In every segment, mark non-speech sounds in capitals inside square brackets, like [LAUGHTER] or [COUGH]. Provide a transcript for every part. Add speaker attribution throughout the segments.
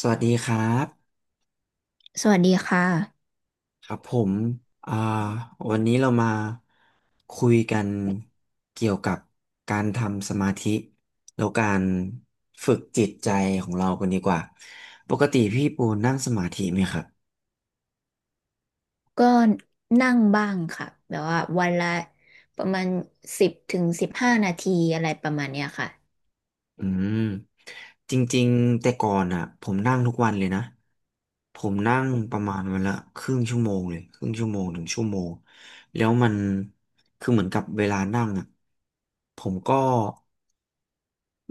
Speaker 1: สวัสดีครับ
Speaker 2: สวัสดีค่ะ
Speaker 1: ครับผมอ่าวันนี้เรามาคุยกันเกี่ยวกับการทำสมาธิแล้วการฝึกจิตใจของเรากันดีกว่าปกติพี่ปูนั่งสมาธิไหมครับ
Speaker 2: ก็นั่งบ้างค่ะแบบว่าวันละประมาณ10 ถึง 15 นาทีอะไรประมาณเนี้ยค่ะ
Speaker 1: อืมจริงๆแต่ก่อนอ่ะผมนั่งทุกวันเลยนะผมนั่งประมาณวันละครึ่งชั่วโมงเลยครึ่งชั่วโมงถึงชั่วโมงแล้วมันคือเหมือนกับเวลานั่งอ่ะผมก็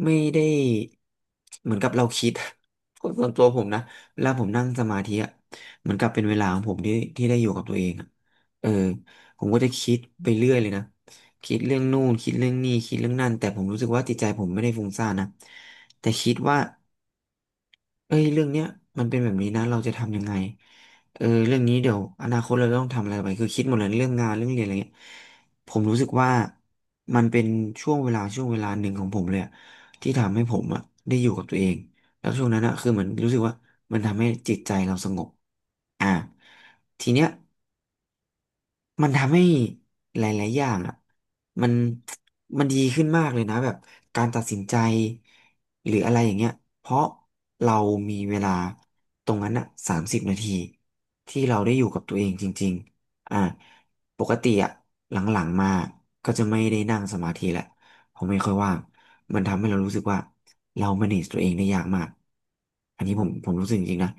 Speaker 1: ไม่ได้เหมือนกับเราคิด [LAUGHS] คนส่วนตัวผมนะเวลาผมนั่งสมาธิอ่ะเหมือนกับเป็นเวลาของผมที่ที่ได้อยู่กับตัวเองอ่ะเออผมก็จะคิดไปเรื่อยเลยนะคิดเรื่องนู่นคิดเรื่องนี่คิดเรื่องนั่นแต่ผมรู้สึกว่าจิตใจผมไม่ได้ฟุ้งซ่านนะแต่คิดว่า เอ้ยเรื่องเนี้ยมันเป็นแบบนี้นะเราจะทำยังไงเออเรื่องนี้เดี๋ยวอนาคตเราต้องทำอะไรไปคือคิดหมดเลยเรื่องงานเรื่องเรียนอะไรเงี้ยผมรู้สึกว่ามันเป็นช่วงเวลาช่วงเวลาหนึ่งของผมเลยอะที่ทำให้ผมอะได้อยู่กับตัวเองแล้วช่วงนั้นอะคือเหมือนรู้สึกว่ามันทำให้จิตใจเราสงบอ่าทีเนี้ย มันทำให้หลายๆอย่างอ่ะมันมันดีขึ้นมากเลยนะแบบการตัดสินใจหรืออะไรอย่างเงี้ยเพราะเรามีเวลาตรงนั้นอ่ะสามสิบนาทีที่เราได้อยู่กับตัวเองจริงๆอ่าปกติอ่ะหลังๆมาก็จะไม่ได้นั่งสมาธิแหละผมไม่ค่อยว่างมันทำให้เรารู้สึกว่าเรา manage ตัวเองได้ยากมากอันนี้ผมรู้สึกจริงๆนะ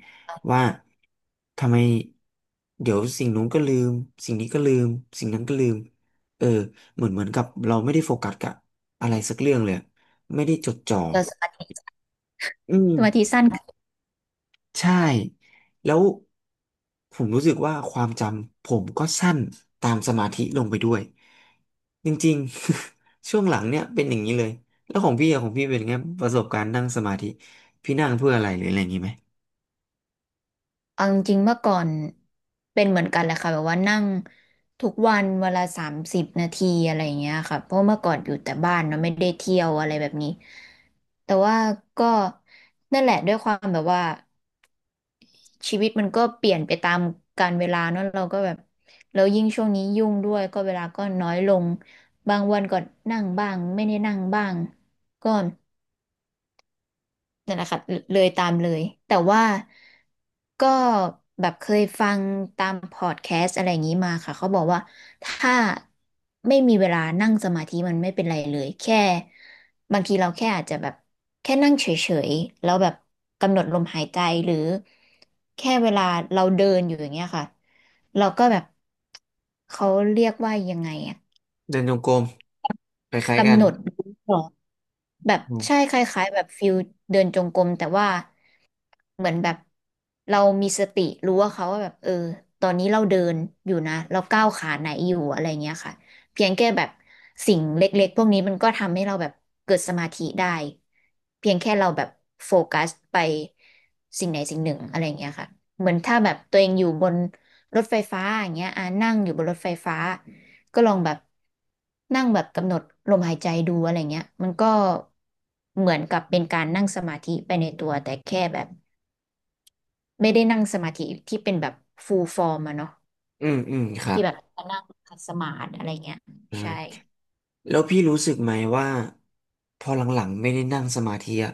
Speaker 1: ว่าทำไมเดี๋ยวสิ่งนู้นก็ลืมสิ่งนี้ก็ลืมสิ่งนั้นก็ลืมเออเหมือนกับเราไม่ได้โฟกัสกับอะไรสักเรื่องเลยไม่ได้จดจ่อ
Speaker 2: แล้วสมาธิ
Speaker 1: อืม
Speaker 2: สมาธิสั้น
Speaker 1: ใช่แล้วผมรู้สึกว่าความจำผมก็สั้นตามสมาธิลงไปด้วยจริงๆ [LAUGHS] ช่วงหลังเนี่ยเป็นอย่างนี้เลยแล้วของพี่อะของพี่เป็นไงประสบการณ์นั่งสมาธิพี่นั่งเพื่ออะไรหรืออะไรอย่างนี้ไหม
Speaker 2: เอาจริงๆเมื่อก่อนเป็นเหมือนกันแหละค่ะแบบว่านั่งทุกวันเวลา30 นาทีอะไรอย่างเงี้ยค่ะเพราะเมื่อก่อนอยู่แต่บ้านเนาะไม่ได้เที่ยวอะไรแบบนี้แต่ว่าก็นั่นแหละด้วยความแบบว่า ชีวิตมันก็เปลี่ยนไปตามกาลเวลาเนอะเราก็แบบแล้วยิ่งช่วงนี้ยุ่งด้วยก็เวลาก็น้อยลงบางวันก็นั่งบ้างไม่ได้นั่งบ้างก็ นั่นแหละค่ะเลยตามเลยแต่ว่าก็แบบเคยฟังตามพอดแคสต์อะไรอย่างนี้มาค่ะเขาบอกว่าถ้าไม่มีเวลานั่งสมาธิมันไม่เป็นไรเลยแค่บางทีเราแค่อาจจะแบบแค่นั่งเฉยๆแล้วแบบกำหนดลมหายใจหรือแค่เวลาเราเดินอยู่อย่างเงี้ยค่ะเราก็แบบเขาเรียกว่ายังไงอะ
Speaker 1: เดินจงกรมคล้ายๆกั
Speaker 2: กำ
Speaker 1: น
Speaker 2: หนดรู้ก่อนแบบใช่คล้ายๆแบบฟิลเดินจงกรมแต่ว่า เหมือนแบบเรามีสติรู้ว่าเขาว่าแบบเออตอนนี้เราเดินอยู่นะเราก้าวขาไหนอยู่อะไรเงี้ยค่ะเพียงแค่แบบสิ่งเล็กๆพวกนี้มันก็ทำให้เราแบบเกิดสมาธิได้เพียงแค่เราแบบโฟกัสไปสิ่งไหนสิ่งหนึ่งอะไรเงี้ยค่ะเหมือนถ้าแบบตัวเองอยู่บนรถไฟฟ้าอย่างเงี้ยอ่านั่งอยู่บนรถไฟฟ้าก็ลองแบบนั่งแบบกำหนดลมหายใจดูอะไรเงี้ยมันก็เหมือนกับเป็นการนั่งสมาธิไปในตัวแต่แค่แบบ ไม่ได้นั่งสมาธิที่เป็นแบบฟูลฟอร์มอะเนาะ
Speaker 1: อืมอืมครั
Speaker 2: ที่
Speaker 1: บ
Speaker 2: แบบนั่งขัดสมาธิอะไรเงี้ย
Speaker 1: อ่
Speaker 2: ใช่
Speaker 1: าแล้วพี่รู้สึกไหมว่าพอหลังๆไม่ได้นั่งสมาธิอะ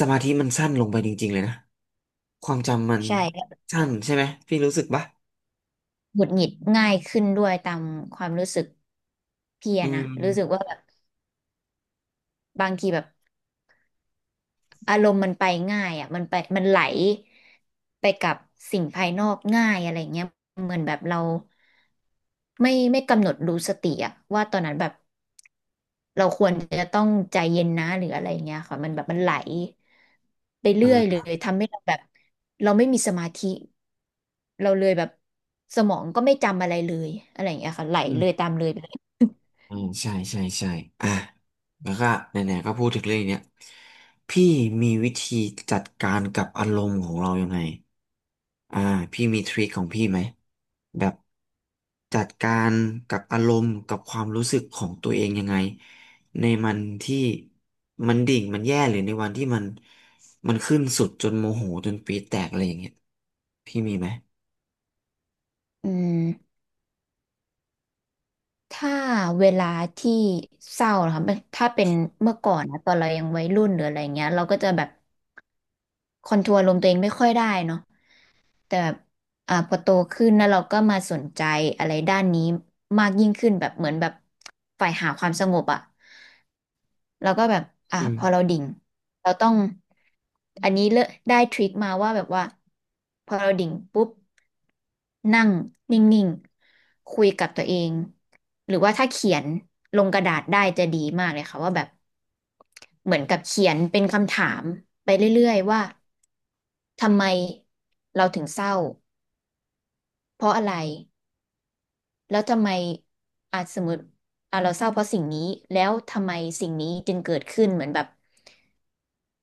Speaker 1: สมาธิมันสั้นลงไปจริงๆเลยนะความจำมัน
Speaker 2: ใช่แล้ว
Speaker 1: สั้นใช่ไหมพี่รู้สึกปะ
Speaker 2: หงุดหงิดง่ายขึ้นด้วยตามความรู้สึกพี่
Speaker 1: อื
Speaker 2: อะนะรู้สึก
Speaker 1: ม
Speaker 2: ว่าแบบบางทีแบบอารมณ์มันไปง่ายอะมันไปมันไหลไปกับสิ่งภายนอกง่ายอะไรเงี้ยเหมือนแบบเราไม่กำหนดรู้สติอะว่าตอนนั้นแบบ เราควรจะต้องใจเย็นนะหรืออะไรอย่างเงี้ยค่ะมันแบบมันไหลไป
Speaker 1: อ่
Speaker 2: เรื่อยเลย
Speaker 1: า
Speaker 2: ทำให้เราแบบเราไม่มีสมาธิเราเลยแบบสมองก็ไม่จำอะไรเลยอะไรอย่างเงี้ยค่ะไหลเลยตามเลยไปเลย
Speaker 1: อืมใช่ใช่ใช่อ่ะแล้วก็ไหนๆก็พูดถึงเรื่องเนี้ยพี่มีวิธีจัดการกับอารมณ์ของเรายังไงอ่าพี่มีทริคของพี่ไหมแบบจัดการกับอารมณ์กับความรู้สึกของตัวเองยังไงในมันที่มันดิ่งมันแย่หรือในวันที่มันมันขึ้นสุดจนโมโหจนปี๊ดแตกอะไรอย่างเงี้ยพี่มีไหม
Speaker 2: อืมถ้าเวลาที่เศร้านะคะมันถ้าเป็นเมื่อก่อนนะตอนเรายังวัยรุ่นหรืออะไรเงี้ยเราก็จะแบบคอนโทรลลมณ์ตัวเองไม่ค่อยได้เนาะ แต่แบบพอโตขึ้นแล้วเราก็มาสนใจอะไรด้านนี้มากยิ่งขึ้นแบบเหมือนแบบฝ่ายหาความสงบอ่ะเราก็แบบอ่ะ
Speaker 1: อื
Speaker 2: พอเรา
Speaker 1: ม
Speaker 2: ดิ่งเราต้องอันนี้เลอะได้ทริคมาว่าแบบว่าพอเราดิ่งปุ๊บนั่งนิ่งๆคุยกับตัวเองหรือว่าถ้าเขียนลงกระดาษได้จะดีมากเลยค่ะว่าแบบเหมือนกับเขียนเป็นคำถามไปเรื่อยๆว่าทำไมเราถึงเศร้า เพราะอะไร แล้วทำไมอาจสมมติอ่ะเราเศร้าเพราะสิ่งนี้แล้วทำไมสิ่งนี้จึงเกิดขึ้นเหมือนแบบ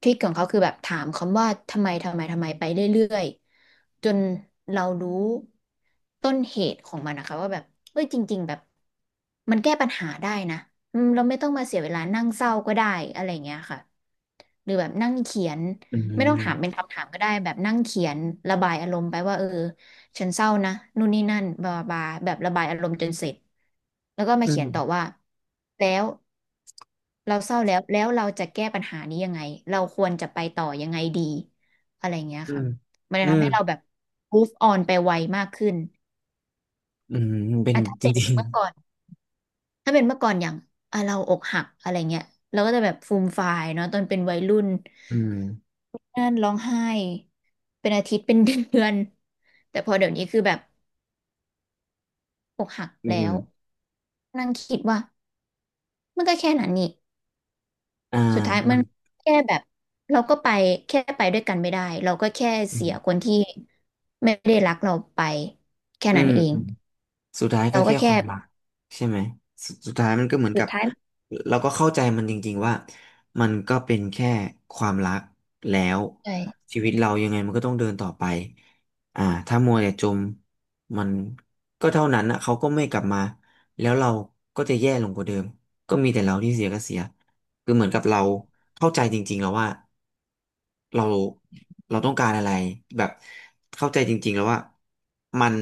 Speaker 2: ทริคของเขาคือแบบถามคำว่าทำไมทำไมทำไมไปเรื่อยๆจนเรารู้ต้นเหตุของมันนะคะว่าแบบเอ้ยจริงๆแบบมันแก้ปัญหาได้นะอืมเราไม่ต้องมาเสียเวลานั่งเศร้าก็ได้อะไรอย่างเงี้ยค่ะหรือแบบนั่งเขียน
Speaker 1: อื
Speaker 2: ไม่ต้องถามเป็น
Speaker 1: ม
Speaker 2: คำถามก็ได้แบบนั่งเขียนระบายอารมณ์ไปว่าเออ ฉันเศร้านะนู่นนี่นั่นบลาบลาแบบระบายอารมณ์จนเสร็จแล้วก็มา
Speaker 1: อื
Speaker 2: เขียนต่อ
Speaker 1: ม
Speaker 2: ว่าแล้วเราเศร้าแล้วแล้วเราจะแก้ปัญหานี้ยังไงเราควรจะไปต่อยังไงดีอะไรเงี้ย
Speaker 1: อื
Speaker 2: ค่ะ
Speaker 1: ม
Speaker 2: มันจะ
Speaker 1: อื
Speaker 2: ทำ
Speaker 1: ม
Speaker 2: ให้เราแบบ move on ไปไวมากขึ้น
Speaker 1: อืมเป็น
Speaker 2: อ่ะถ้า
Speaker 1: จ
Speaker 2: เป็น
Speaker 1: ริง
Speaker 2: เมื่อก่อนถ้าเป็นเมื่อก่อนอย่างอ่ะเราอกหักอะไรเงี้ยเราก็จะแบบฟูมฟายเนาะตอนเป็นวัยรุ่น
Speaker 1: อืม
Speaker 2: นั่นร้องไห้เป็นอาทิตย์เป็นเดือนแต่พอเดี๋ยวนี้คือแบบอกหัก
Speaker 1: อื
Speaker 2: แล้ว
Speaker 1: ม
Speaker 2: นั่งคิดว่า มันก็แค่นั้นนี่
Speaker 1: อ่า
Speaker 2: สุดท้าย
Speaker 1: มั
Speaker 2: มัน
Speaker 1: น
Speaker 2: แค่แบบเราก็ไปแค่ไปด้วยกันไม่ได้เราก็แค่
Speaker 1: อื
Speaker 2: เสียค
Speaker 1: ม
Speaker 2: นที่ไม่ได้รักเราไปแค่
Speaker 1: อื
Speaker 2: นั้น
Speaker 1: ม
Speaker 2: เอง
Speaker 1: อืมสุดท้ายก็
Speaker 2: เราก็
Speaker 1: แค่ค
Speaker 2: แค่
Speaker 1: วามรักใช่ไหมสสุดท้ายมันก็เหมือน
Speaker 2: สุ
Speaker 1: กั
Speaker 2: ด
Speaker 1: บ
Speaker 2: ท้าย
Speaker 1: เราก็เข้าใจมันจริงๆว่ามันก็เป็นแค่ความรักแล้ว
Speaker 2: ใช่
Speaker 1: ชีวิตเรายังไงมันก็ต้องเดินต่อไปอ่าถ้ามัวแต่จมมันก็เท่านั้นนะเขาก็ไม่กลับมาแล้วเราก็จะแย่ลงกว่าเดิมก็มีแต่เราที่เสียก็เสีย คือเหมือนกับเราเข้าใจจริงๆแล้วว่าเราเราต้องการอะไรแบบเข้าใจจริงๆแล้วว่ามัน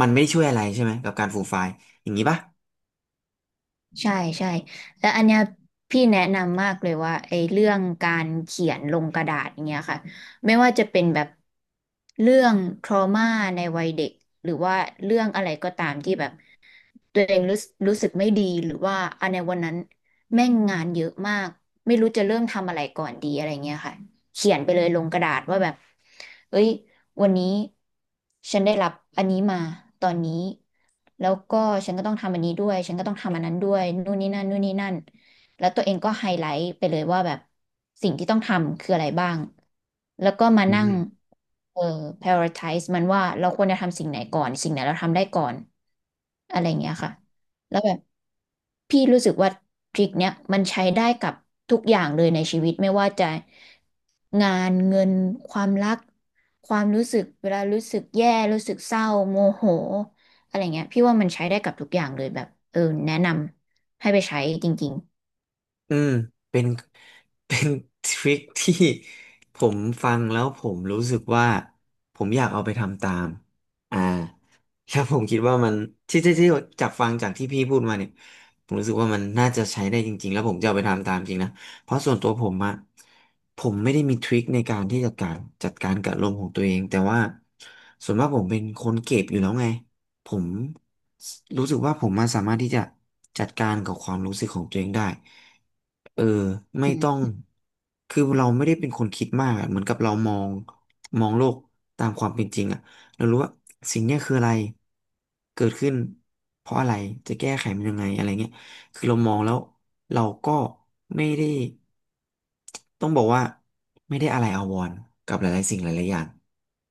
Speaker 1: มันไม่ได้ช่วยอะไรใช่ไหมกับการฟูลไฟล์อย่างนี้ปะ
Speaker 2: ใช่ใช่แล้วอันเนี้ยพี่แนะนำมากเลยว่าไอ้เรื่องการเขียนลงกระดาษอย่างเงี้ยค่ะไม่ว่าจะเป็นแบบเรื่อง trauma ในวัยเด็กหรือว่าเรื่องอะไรก็ตามที่แบบ ตัวเองรู้สึกไม่ดีหรือว่าอันในวันนั้นแม่งงานเยอะมากไม่รู้จะเริ่มทำอะไรก่อนดีอะไรเงี้ยค่ะเขียนไปเลยลงกระดาษว่าแบบเอ้ยวันนี้ฉันได้รับอันนี้มาตอนนี้แล้วก็ฉันก็ต้องทำอันนี้ด้วยฉันก็ต้องทำอันนั้นด้วยนู่นนี่นั่นนู่นนี่นั่น แล้วตัวเองก็ไฮไลท์ไปเลยว่าแบบสิ่งที่ต้องทำคืออะไรบ้าง แล้วก็มานั่งเอ่อ prioritize มันว่าเราควรจะทำสิ่งไหนก่อนสิ่งไหนเราทำได้ก่อนอะไรอย่างเงี้ยค่ะแล้วแบบพี่รู้สึกว่าทริคเนี้ยมันใช้ได้กับทุกอย่างเลยในชีวิตไม่ว่าจะงานเงินความรักความรู้สึกเวลารู้สึกแย่รู้สึกเศร้าโมโหอะไรเงี้ยพี่ว่ามันใช้ได้กับทุกอย่างเลยแบบเออแนะนำให้ไปใช้จริง
Speaker 1: อืมเป็น [LAUGHS] เป็นทริคที่ผมฟังแล้วผมรู้สึกว่าผมอยากเอาไปทำตามอ่าแล้วผมคิดว่ามันที่จากฟังจากที่พี่พูดมาเนี่ยผมรู้สึกว่ามันน่าจะใช้ได้จริงๆแล้วผมจะเอาไปทำตามจริงนะเพราะส่วนตัวผมอะผมไม่ได้มีทริคในการที่จะการจัดการกับอารมณ์ของตัวเองแต่ว่าส่วนมากผมเป็นคนเก็บอยู่แล้วไง ผมรู้สึกว่าผมมาสามารถที่จะจัดการกับความรู้สึกของตัวเองได้เออ
Speaker 2: ๆ
Speaker 1: ไม่
Speaker 2: อืม
Speaker 1: ต้องคือเราไม่ได้เป็นคนคิดมากอะเหมือนกับเรามองโลกตามความเป็นจริงอะเรารู้ว่าสิ่งเนี้ยคืออะไรเกิดขึ้นเพราะอะไร จะแก้ไขมันยังไงอะไรเงี้ยคือเรามองแล้วเราก็ไม่ได้ต้องบอกว่าไม่ได้อะไรอาวรณ์กับหลายๆสิ่งหลายๆอย่าง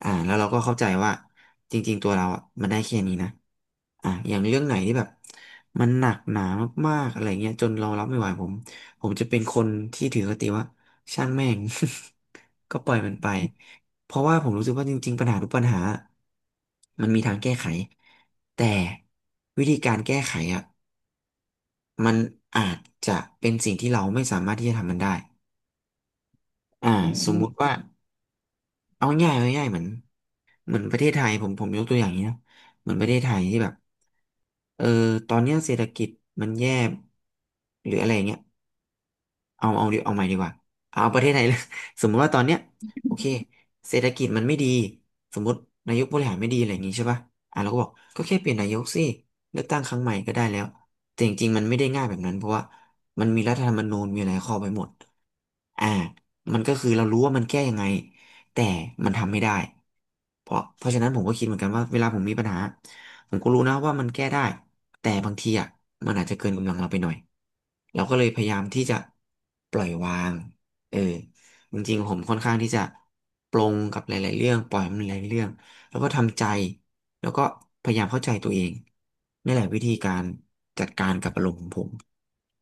Speaker 1: แล้วเราก็เข้าใจว่าจริงๆตัวเราอ่ะมันได้แค่นี้นะอย่างเรื่องไหนที่แบบมันหนักหนามากๆอะไรเงี้ยจนเรารับไม่ไหวผมจะเป็นคนที่ถือคติว่าช่างแม่ง [LAUGHS] ก็ปล่อยมันไปเพราะว่าผมรู้สึกว่าจริงๆปัญหาทุกปัญหามันมีทางแก้ไขแต่วิธีการแก้ไขอ่ะมันอาจจะเป็นสิ่งที่เราไม่สามารถที่จะทำมันได้อ่า
Speaker 2: อื
Speaker 1: สมมุติ
Speaker 2: ม
Speaker 1: ว่าเอาง่ายๆเอาง่ายๆเหมือน ประเทศไทยผมยกตัวอย่างนี้นะเหมือนประเทศไทยที่แบบเออตอนเนี้ยเศรษฐกิจมันแย่หรืออะไรอย่างเงี้ยเอาใหม่ดีกว่าเอาประเทศไทยเลย [LAUGHS] สมมติว่าตอนเนี้ยโอเคเศรษฐกิจมันไม่ดีสมมตินายกบริหารไม่ดีอะไรอย่างงี้ใช่ป่ะอ่ะเราก็บอกก็แค่เปลี่ยนนายกสิเลือกตั้งครั้งใหม่ก็ได้แล้วแต่จริงๆมันไม่ได้ง่ายแบบนั้นเพราะว่ามันมีรัฐธรรมนูญมีหะายข้อไป้หมดอ่ามันก็คือเรารู้ว่ามันแก้ยังไง แต่มันทำไม่ได้ เพราะฉะนั้นผมก็คิดเหมือนกันว่าเวลาผมมีปัญหาผมก็รู้นะว่ามันแก้ได้ แต่บางทีอ่ะมันอาจจะเกินกำลังเราไปหน่อย เราก็เลยพยายามที่จะปล่อยวางเออจริงๆผมค่อนข้างที่จะปลงกับหลายๆเรื่องปล่อยมันหลายๆเรื่องแล้วก็ทำใจแล้วก็พยายามเข้าใจตัวเองนี่แหละวิธีการจัดการกับอารมณ์ของผม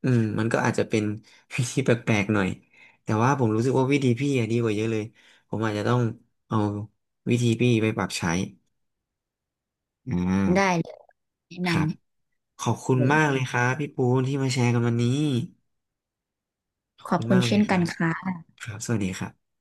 Speaker 1: อืมมันก็อาจจะเป็น [LAUGHS] วิธีแปลกๆหน่อยแต่ว่าผมรู้สึกว่าวิธีพี่อะดีกว่าเยอะเลยผมอาจจะต้องเอาวิธีพี่ไปปรับใช้อ่
Speaker 2: ได้
Speaker 1: า
Speaker 2: เลยแนะ
Speaker 1: ครั
Speaker 2: น
Speaker 1: บขอบคุ
Speaker 2: ำ
Speaker 1: ณ
Speaker 2: เลย
Speaker 1: มากเลยครับพี่ปูนที่มาแชร์กันวันนี้ขอบ
Speaker 2: ขอบ
Speaker 1: คุณ
Speaker 2: คุณ
Speaker 1: มากเล
Speaker 2: เช่
Speaker 1: ย
Speaker 2: น
Speaker 1: ค
Speaker 2: กั
Speaker 1: รั
Speaker 2: น
Speaker 1: บ
Speaker 2: ค่ะ
Speaker 1: ครับสวัสดีครับ